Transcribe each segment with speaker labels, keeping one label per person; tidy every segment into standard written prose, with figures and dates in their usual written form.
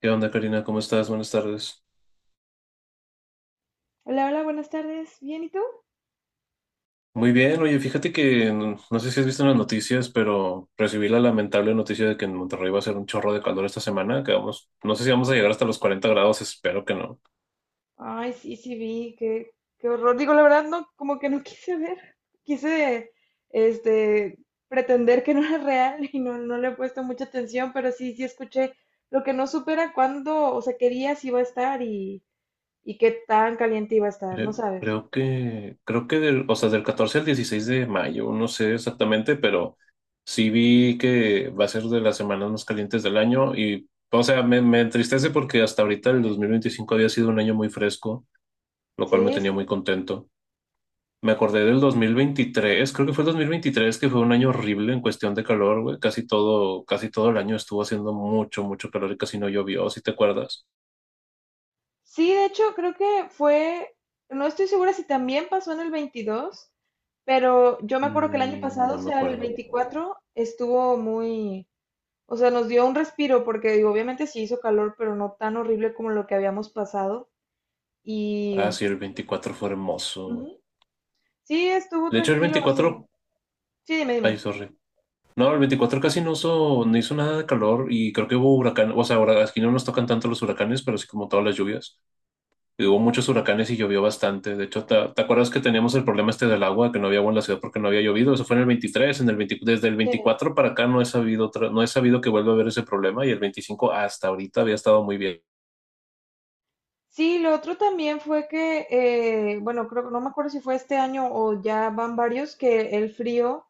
Speaker 1: ¿Qué onda, Karina? ¿Cómo estás? Buenas tardes.
Speaker 2: Hola, hola, buenas tardes. ¿Bien y tú?
Speaker 1: Muy bien, oye, fíjate que no sé si has visto en las noticias, pero recibí la lamentable noticia de que en Monterrey va a ser un chorro de calor esta semana, que vamos, no sé si vamos a llegar hasta los 40 grados, espero que no.
Speaker 2: Ay, sí, sí vi, qué horror. Digo, la verdad, no, como que no quise ver. Quise, este, pretender que no era real y no, no le he puesto mucha atención, pero sí, sí escuché lo que no supera cuándo, o sea, qué días iba a estar y qué tan caliente iba a estar, no
Speaker 1: Cre-
Speaker 2: sabes.
Speaker 1: Creo, que, creo que del, o sea, del 14 al 16 de mayo, no sé exactamente, pero sí vi que va a ser de las semanas más calientes del año y, o sea, me entristece porque hasta ahorita el 2025 había sido un año muy fresco, lo cual me
Speaker 2: Sí,
Speaker 1: tenía
Speaker 2: sí.
Speaker 1: muy contento. Me acordé del 2023, creo que fue el 2023, que fue un año horrible en cuestión de calor, güey. Casi todo el año estuvo haciendo mucho, mucho calor y casi no llovió, ¿si te acuerdas?
Speaker 2: Sí, de hecho, creo que fue, no estoy segura si también pasó en el 22, pero yo me acuerdo que el año
Speaker 1: Mm,
Speaker 2: pasado, o
Speaker 1: no me
Speaker 2: sea, el
Speaker 1: acuerdo.
Speaker 2: 24, estuvo muy. O sea, nos dio un respiro porque digo, obviamente sí hizo calor, pero no tan horrible como lo que habíamos pasado. Y
Speaker 1: Ah, sí, el 24 fue hermoso.
Speaker 2: ujú, sí, estuvo
Speaker 1: De hecho, el
Speaker 2: tranquilo. O sea,
Speaker 1: 24,
Speaker 2: sí, dime,
Speaker 1: ay,
Speaker 2: dime.
Speaker 1: sorry. No, el 24 casi no hizo nada de calor y creo que hubo huracán, o sea, ahora aquí no nos tocan tanto los huracanes, pero sí como todas las lluvias. Y hubo muchos huracanes y llovió bastante. De hecho, ¿te acuerdas que teníamos el problema este del agua, que no había agua en la ciudad porque no había llovido? Eso fue en el 23, en el 20, desde el 24 para acá no he sabido, no he sabido que vuelva a haber ese problema y el 25 hasta ahorita había estado muy bien.
Speaker 2: Sí, lo otro también fue que, bueno, creo que no me acuerdo si fue este año o ya van varios, que el frío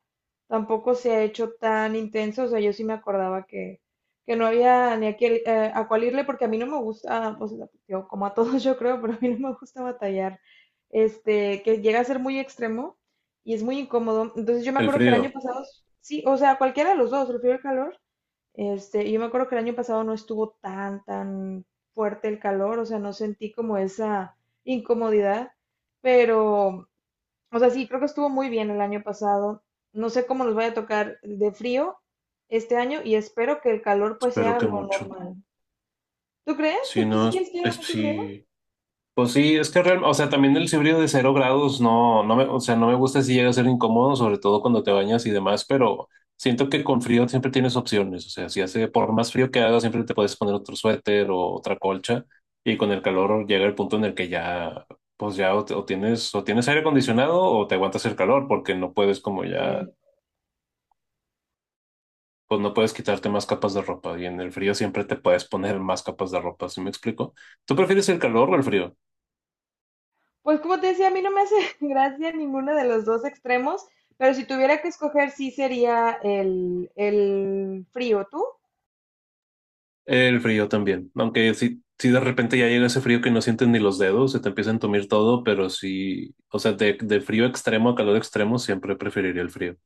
Speaker 2: tampoco se ha hecho tan intenso. O sea, yo sí me acordaba que no había ni a cuál irle, porque a mí no me gusta, pues, yo como a todos yo creo, pero a mí no me gusta batallar. Que llega a ser muy extremo y es muy incómodo. Entonces yo me
Speaker 1: El
Speaker 2: acuerdo que el año
Speaker 1: frío,
Speaker 2: pasado, sí, o sea, cualquiera de los dos, el frío y el calor, yo me acuerdo que el año pasado no estuvo tan fuerte el calor, o sea, no sentí como esa incomodidad, pero, o sea, sí, creo que estuvo muy bien el año pasado. No sé cómo nos vaya a tocar de frío este año y espero que el calor pues
Speaker 1: espero
Speaker 2: sea
Speaker 1: que
Speaker 2: lo
Speaker 1: mucho.
Speaker 2: normal. ¿Tú crees? ¿Tú
Speaker 1: Si no,
Speaker 2: si quieres que haga mucho frío?
Speaker 1: sí, pues sí, es que o sea, también el híbrido de 0 grados o sea, no me gusta si llega a ser incómodo, sobre todo cuando te bañas y demás, pero siento que con frío siempre tienes opciones. O sea, si hace, por más frío que haga, siempre te puedes poner otro suéter o otra colcha, y con el calor llega el punto en el que ya, pues ya o, o tienes aire acondicionado o te aguantas el calor, porque no puedes como
Speaker 2: Eh,
Speaker 1: ya, pues no puedes quitarte más capas de ropa, y en el frío siempre te puedes poner más capas de ropa, ¿sí me explico? ¿Tú prefieres el calor o el frío?
Speaker 2: pues como te decía, a mí no me hace gracia ninguno de los dos extremos, pero si tuviera que escoger, sí sería el frío. ¿Tú?
Speaker 1: El frío también, aunque si de repente ya llega ese frío que no sientes ni los dedos, se te empieza a entumir todo, pero sí, o sea, de frío extremo a calor extremo siempre preferiría el frío.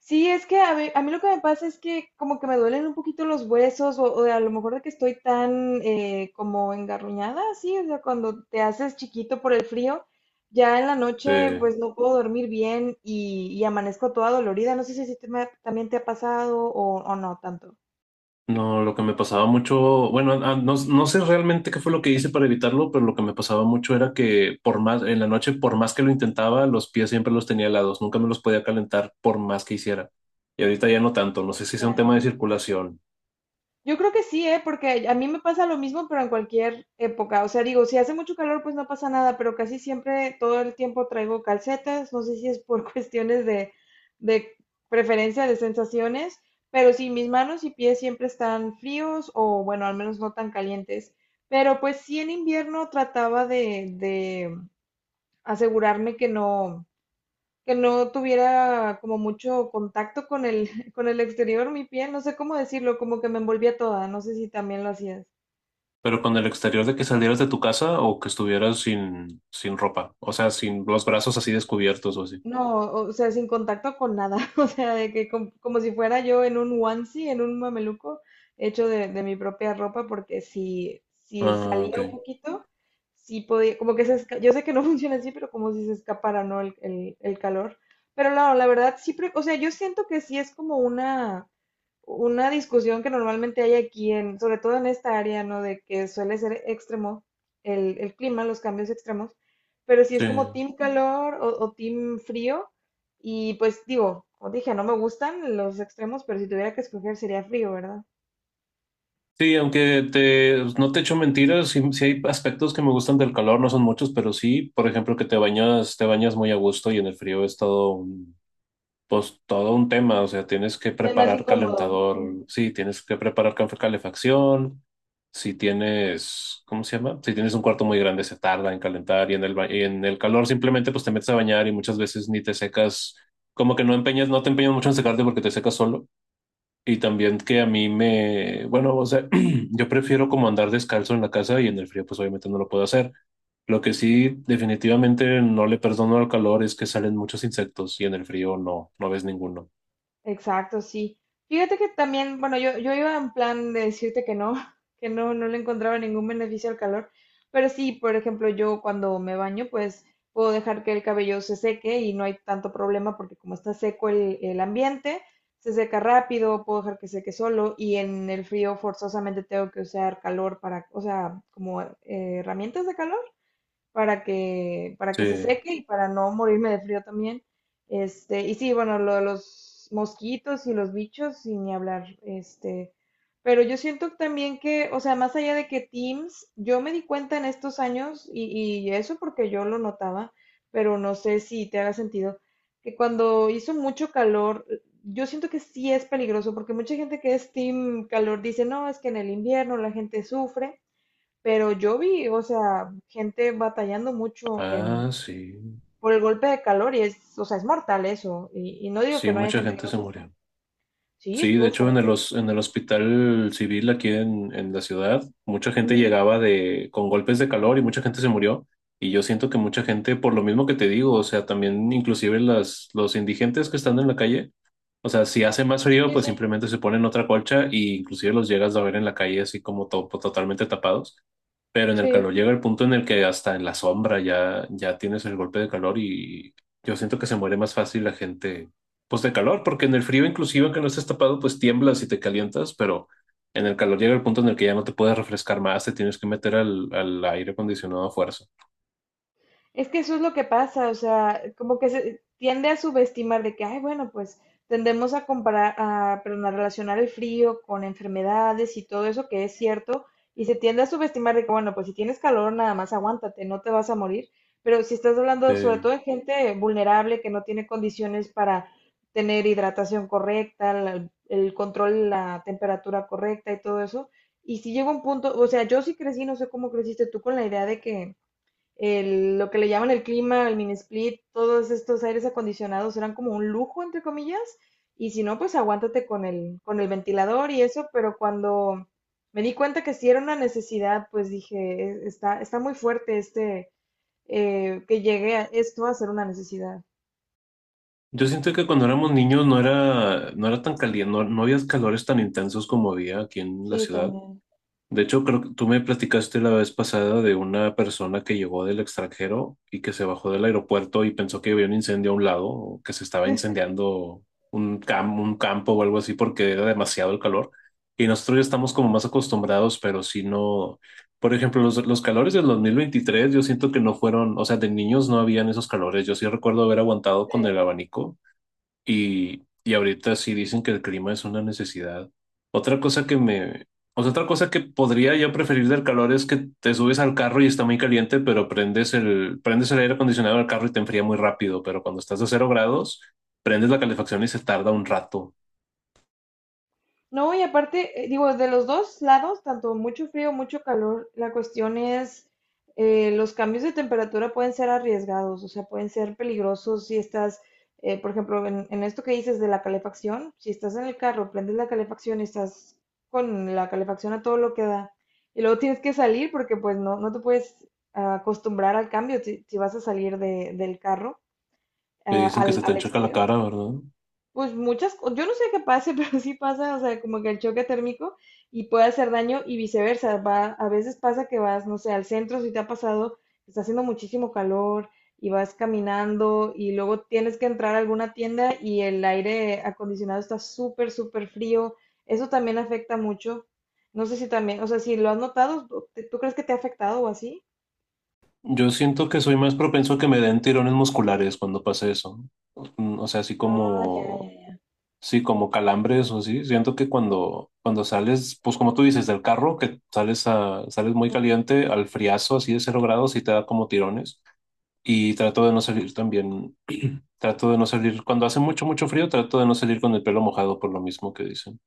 Speaker 2: Sí, es que a mí, lo que me pasa es que como que me duelen un poquito los huesos o a lo mejor de que estoy tan como engarruñada, sí, o sea, cuando te haces chiquito por el frío, ya en la noche
Speaker 1: Eh,
Speaker 2: pues no puedo dormir bien y amanezco toda dolorida. No sé si a ti te me también te ha pasado o no tanto.
Speaker 1: no, lo que me pasaba mucho, bueno, no sé realmente qué fue lo que hice para evitarlo, pero lo que me pasaba mucho era que por más, en la noche, por más que lo intentaba, los pies siempre los tenía helados, nunca me los podía calentar por más que hiciera. Y ahorita ya no tanto, no sé si sea un tema de
Speaker 2: Ya,
Speaker 1: circulación.
Speaker 2: yo creo que sí, ¿eh? Porque a mí me pasa lo mismo, pero en cualquier época. O sea, digo, si hace mucho calor, pues no pasa nada, pero casi siempre todo el tiempo traigo calcetas. No sé si es por cuestiones de preferencia de sensaciones, pero sí, mis manos y pies siempre están fríos o, bueno, al menos no tan calientes. Pero pues sí, en invierno trataba de asegurarme que no tuviera como mucho contacto con el, con el exterior, mi piel, no sé cómo decirlo, como que me envolvía toda, no sé si también lo hacías.
Speaker 1: Pero con el exterior de que salieras de tu casa o que estuvieras sin ropa, o sea, sin los brazos así descubiertos o así.
Speaker 2: No, o sea, sin contacto con nada, o sea, de que como si fuera yo en un onesie, en un mameluco, hecho de mi propia ropa, porque si
Speaker 1: Ah, ok.
Speaker 2: salía un poquito, sí podía, como que yo sé que no funciona así, pero como si se escapara, ¿no? El calor. Pero no, la verdad, sí, o sea, yo siento que sí es como una discusión que normalmente hay aquí, sobre todo en esta área, ¿no? De que suele ser extremo el clima, los cambios extremos. Pero si
Speaker 1: Sí.
Speaker 2: es como team calor o team frío, y pues digo, como dije, no me gustan los extremos, pero si tuviera que escoger sería frío, ¿verdad?
Speaker 1: Sí, aunque no te echo mentiras, sí, sí hay aspectos que me gustan del calor, no son muchos, pero sí, por ejemplo, que te bañas muy a gusto y en el frío es todo, pues todo un tema, o sea, tienes que
Speaker 2: Sí, es más
Speaker 1: preparar
Speaker 2: incómodo.
Speaker 1: calentador, sí, tienes que preparar calefacción, si tienes, ¿cómo se llama? Si tienes un cuarto muy grande se tarda en calentar y en el calor simplemente pues te metes a bañar y muchas veces ni te secas, como que no te empeñas mucho en secarte porque te secas solo. Y también que bueno, o sea, yo prefiero como andar descalzo en la casa y en el frío pues obviamente no lo puedo hacer. Lo que sí definitivamente no le perdono al calor es que salen muchos insectos y en el frío no ves ninguno.
Speaker 2: Exacto, sí. Fíjate que también, bueno, yo iba en plan de decirte que no, que no, no le encontraba ningún beneficio al calor, pero sí, por ejemplo, yo cuando me baño, pues puedo dejar que el cabello se seque y no hay tanto problema porque como está seco el ambiente, se seca rápido, puedo dejar que seque solo y en el frío forzosamente tengo que usar calor para, o sea, como herramientas de calor para que, para
Speaker 1: Sí.
Speaker 2: que se seque y para no morirme de frío también. Y sí, bueno, lo de los mosquitos y los bichos, sin ni hablar, pero yo siento también que, o sea, más allá de que Teams, yo me di cuenta en estos años, y eso porque yo lo notaba, pero no sé si te haga sentido, que cuando hizo mucho calor, yo siento que sí es peligroso, porque mucha gente que es Team calor dice, no, es que en el invierno la gente sufre, pero yo vi, o sea, gente batallando mucho
Speaker 1: Ah, sí.
Speaker 2: por el golpe de calor y es, o sea, es mortal eso. Y no digo que
Speaker 1: Sí,
Speaker 2: no haya
Speaker 1: mucha
Speaker 2: gente que
Speaker 1: gente
Speaker 2: lo
Speaker 1: se
Speaker 2: sufra.
Speaker 1: murió.
Speaker 2: Sí,
Speaker 1: Sí, de
Speaker 2: estuvo
Speaker 1: hecho
Speaker 2: fuerte.
Speaker 1: en el hospital civil aquí en la ciudad, mucha gente
Speaker 2: Ujú,
Speaker 1: llegaba con golpes de calor y mucha gente se murió. Y yo siento que mucha gente, por lo mismo que te digo, o sea, también inclusive las, los indigentes que están en la calle. O sea, si hace más frío,
Speaker 2: sí,
Speaker 1: pues
Speaker 2: sí.
Speaker 1: simplemente se ponen otra colcha y inclusive los llegas a ver en la calle así como pues, totalmente tapados. Pero en el
Speaker 2: Sí.
Speaker 1: calor llega el punto en el que hasta en la sombra ya, ya tienes el golpe de calor y yo siento que se muere más fácil la gente, pues de calor, porque en el frío inclusive que no estés tapado, pues tiemblas y te calientas, pero en el calor llega el punto en el que ya no te puedes refrescar más, te tienes que meter al aire acondicionado a fuerza.
Speaker 2: Es que eso es lo que pasa, o sea, como que se tiende a subestimar de que, ay, bueno, pues tendemos a comparar, a, perdón, a relacionar el frío con enfermedades y todo eso que es cierto, y se tiende a subestimar de que, bueno, pues si tienes calor, nada más aguántate, no te vas a morir. Pero si estás hablando sobre todo de gente vulnerable que no tiene condiciones para tener hidratación correcta, el control, la temperatura correcta y todo eso, y si llega un punto, o sea, yo sí crecí, no sé cómo creciste tú con la idea de que lo que le llaman el clima, el mini split, todos estos aires acondicionados eran como un lujo, entre comillas, y si no, pues aguántate con el ventilador y eso, pero cuando me di cuenta que sí era una necesidad, pues dije, "Está muy fuerte este, que llegue a esto a ser una necesidad".
Speaker 1: Yo siento que cuando éramos niños no era tan caliente, no había calores tan intensos como había aquí en la
Speaker 2: Sí,
Speaker 1: ciudad.
Speaker 2: también.
Speaker 1: De hecho, creo que tú me platicaste la vez pasada de una persona que llegó del extranjero y que se bajó del aeropuerto y pensó que había un incendio a un lado, o que se estaba incendiando un campo o algo así porque era demasiado el calor. Y nosotros ya estamos como más acostumbrados, pero si no, por ejemplo, los calores del 2023 yo siento que no fueron, o sea, de niños no habían esos calores. Yo sí recuerdo haber aguantado con el abanico y ahorita sí dicen que el clima es una necesidad. Otra cosa que me, o sea, otra cosa que podría yo preferir del calor es que te subes al carro y está muy caliente, pero prendes el aire acondicionado del carro y te enfría muy rápido. Pero cuando estás a 0 grados, prendes la calefacción y se tarda un rato.
Speaker 2: No, y aparte, digo, de los dos lados, tanto mucho frío, mucho calor, la cuestión es, los cambios de temperatura pueden ser arriesgados, o sea, pueden ser peligrosos si estás, por ejemplo, en esto que dices de la calefacción, si estás en el carro, prendes la calefacción y estás con la calefacción a todo lo que da, y luego tienes que salir porque pues no, no te puedes acostumbrar al cambio si vas a salir del carro
Speaker 1: Que dicen que
Speaker 2: al,
Speaker 1: se te
Speaker 2: al
Speaker 1: enchoca la
Speaker 2: exterior.
Speaker 1: cara, ¿verdad?
Speaker 2: Pues muchas, yo no sé qué pase, pero sí pasa, o sea, como que el choque térmico y puede hacer daño y viceversa. Va, a veces pasa que vas, no sé, al centro, si te ha pasado, está haciendo muchísimo calor y vas caminando y luego tienes que entrar a alguna tienda y el aire acondicionado está súper, súper frío. Eso también afecta mucho. No sé si también, o sea, si lo has notado, ¿tú crees que te ha afectado o así?
Speaker 1: Yo siento que soy más propenso a que me den tirones musculares cuando pasa eso. Mm, o sea, así
Speaker 2: Ah, ya,
Speaker 1: como.
Speaker 2: ya.
Speaker 1: Sí, como calambres o así. Siento que cuando sales, pues como tú dices, del carro, que sales muy caliente al friazo, así de 0 grados, y te da como tirones. Y trato de no salir también, trato de no salir, cuando hace mucho, mucho frío, trato de no salir con el pelo mojado por lo mismo que dicen.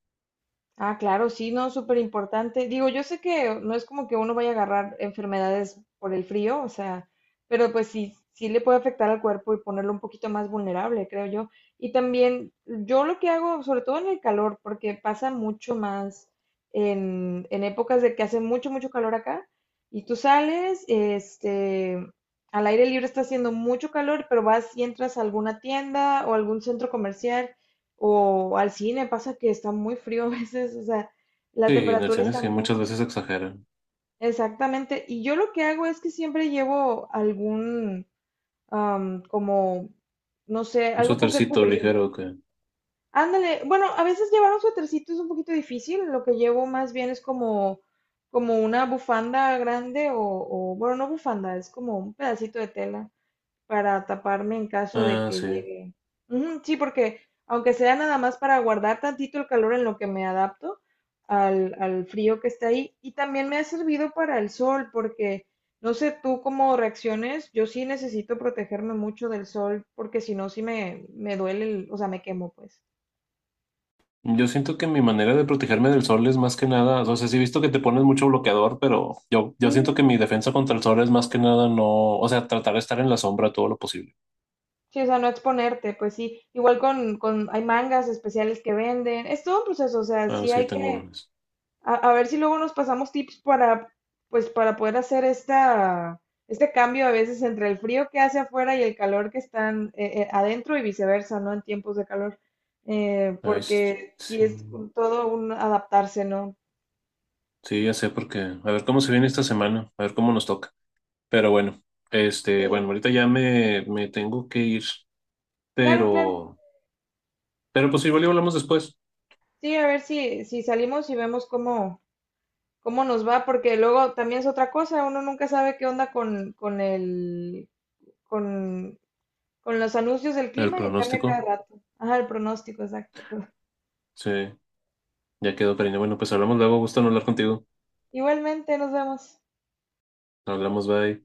Speaker 2: Ah, claro, sí, no, súper importante. Digo, yo sé que no es como que uno vaya a agarrar enfermedades por el frío, o sea, pero pues sí, sí le puede afectar al cuerpo y ponerlo un poquito más vulnerable, creo yo. Y también yo lo que hago, sobre todo en el calor, porque pasa mucho más en épocas de que hace mucho, mucho calor acá, y tú sales, al aire libre está haciendo mucho calor, pero vas y entras a alguna tienda o algún centro comercial. O al cine, pasa que está muy frío a veces, o sea, la
Speaker 1: Sí, en el
Speaker 2: temperatura
Speaker 1: cine
Speaker 2: está
Speaker 1: sí, muchas
Speaker 2: muy...
Speaker 1: veces exageran.
Speaker 2: Exactamente. Y yo lo que hago es que siempre llevo algún, como, no sé,
Speaker 1: Un
Speaker 2: algo con que
Speaker 1: suétercito ligero
Speaker 2: cubrirme.
Speaker 1: que.
Speaker 2: Ándale, bueno, a veces llevar un suétercito es un poquito difícil, lo que llevo más bien es como una bufanda grande o, bueno, no bufanda, es como un pedacito de tela para taparme en caso de
Speaker 1: Ah,
Speaker 2: que
Speaker 1: sí.
Speaker 2: llegue. Ujú, sí, porque aunque sea nada más para guardar tantito el calor en lo que me adapto al frío que está ahí, y también me ha servido para el sol, porque no sé tú cómo reacciones, yo sí necesito protegerme mucho del sol, porque si no, sí me duele, o sea, me quemo, pues.
Speaker 1: Yo siento que mi manera de protegerme del sol es más que nada, o sea, sí he visto que te pones mucho bloqueador, pero yo
Speaker 2: Ujú,
Speaker 1: siento que mi defensa contra el sol es más que nada, ¿no?, o sea, tratar de estar en la sombra todo lo posible.
Speaker 2: sí, o sea, no exponerte, pues sí. Igual hay mangas especiales que venden. Es todo un proceso, o sea,
Speaker 1: Ah,
Speaker 2: sí
Speaker 1: sí,
Speaker 2: hay
Speaker 1: tengo
Speaker 2: que.
Speaker 1: unas.
Speaker 2: A ver si luego nos pasamos tips pues, para poder hacer este cambio a veces entre el frío que hace afuera y el calor que están adentro y viceversa, ¿no? En tiempos de calor. Eh,
Speaker 1: Ay, sí,
Speaker 2: porque sí
Speaker 1: sí,
Speaker 2: es todo un adaptarse, ¿no?
Speaker 1: sí, ya sé porque, a ver cómo se viene esta semana, a ver cómo nos toca. Pero bueno,
Speaker 2: Sí.
Speaker 1: ahorita ya me tengo que ir,
Speaker 2: Claro, claro.
Speaker 1: pero, pero pues igual y hablamos después.
Speaker 2: Sí, a ver si salimos y vemos cómo nos va, porque luego también es otra cosa, uno nunca sabe qué onda con, con los anuncios del
Speaker 1: El
Speaker 2: clima y cambia cada
Speaker 1: pronóstico,
Speaker 2: rato. Ajá, el pronóstico, exacto.
Speaker 1: sí, ya quedó, cariño. Bueno, pues hablamos luego, gusto en hablar contigo.
Speaker 2: Igualmente, nos vemos.
Speaker 1: Hablamos, bye.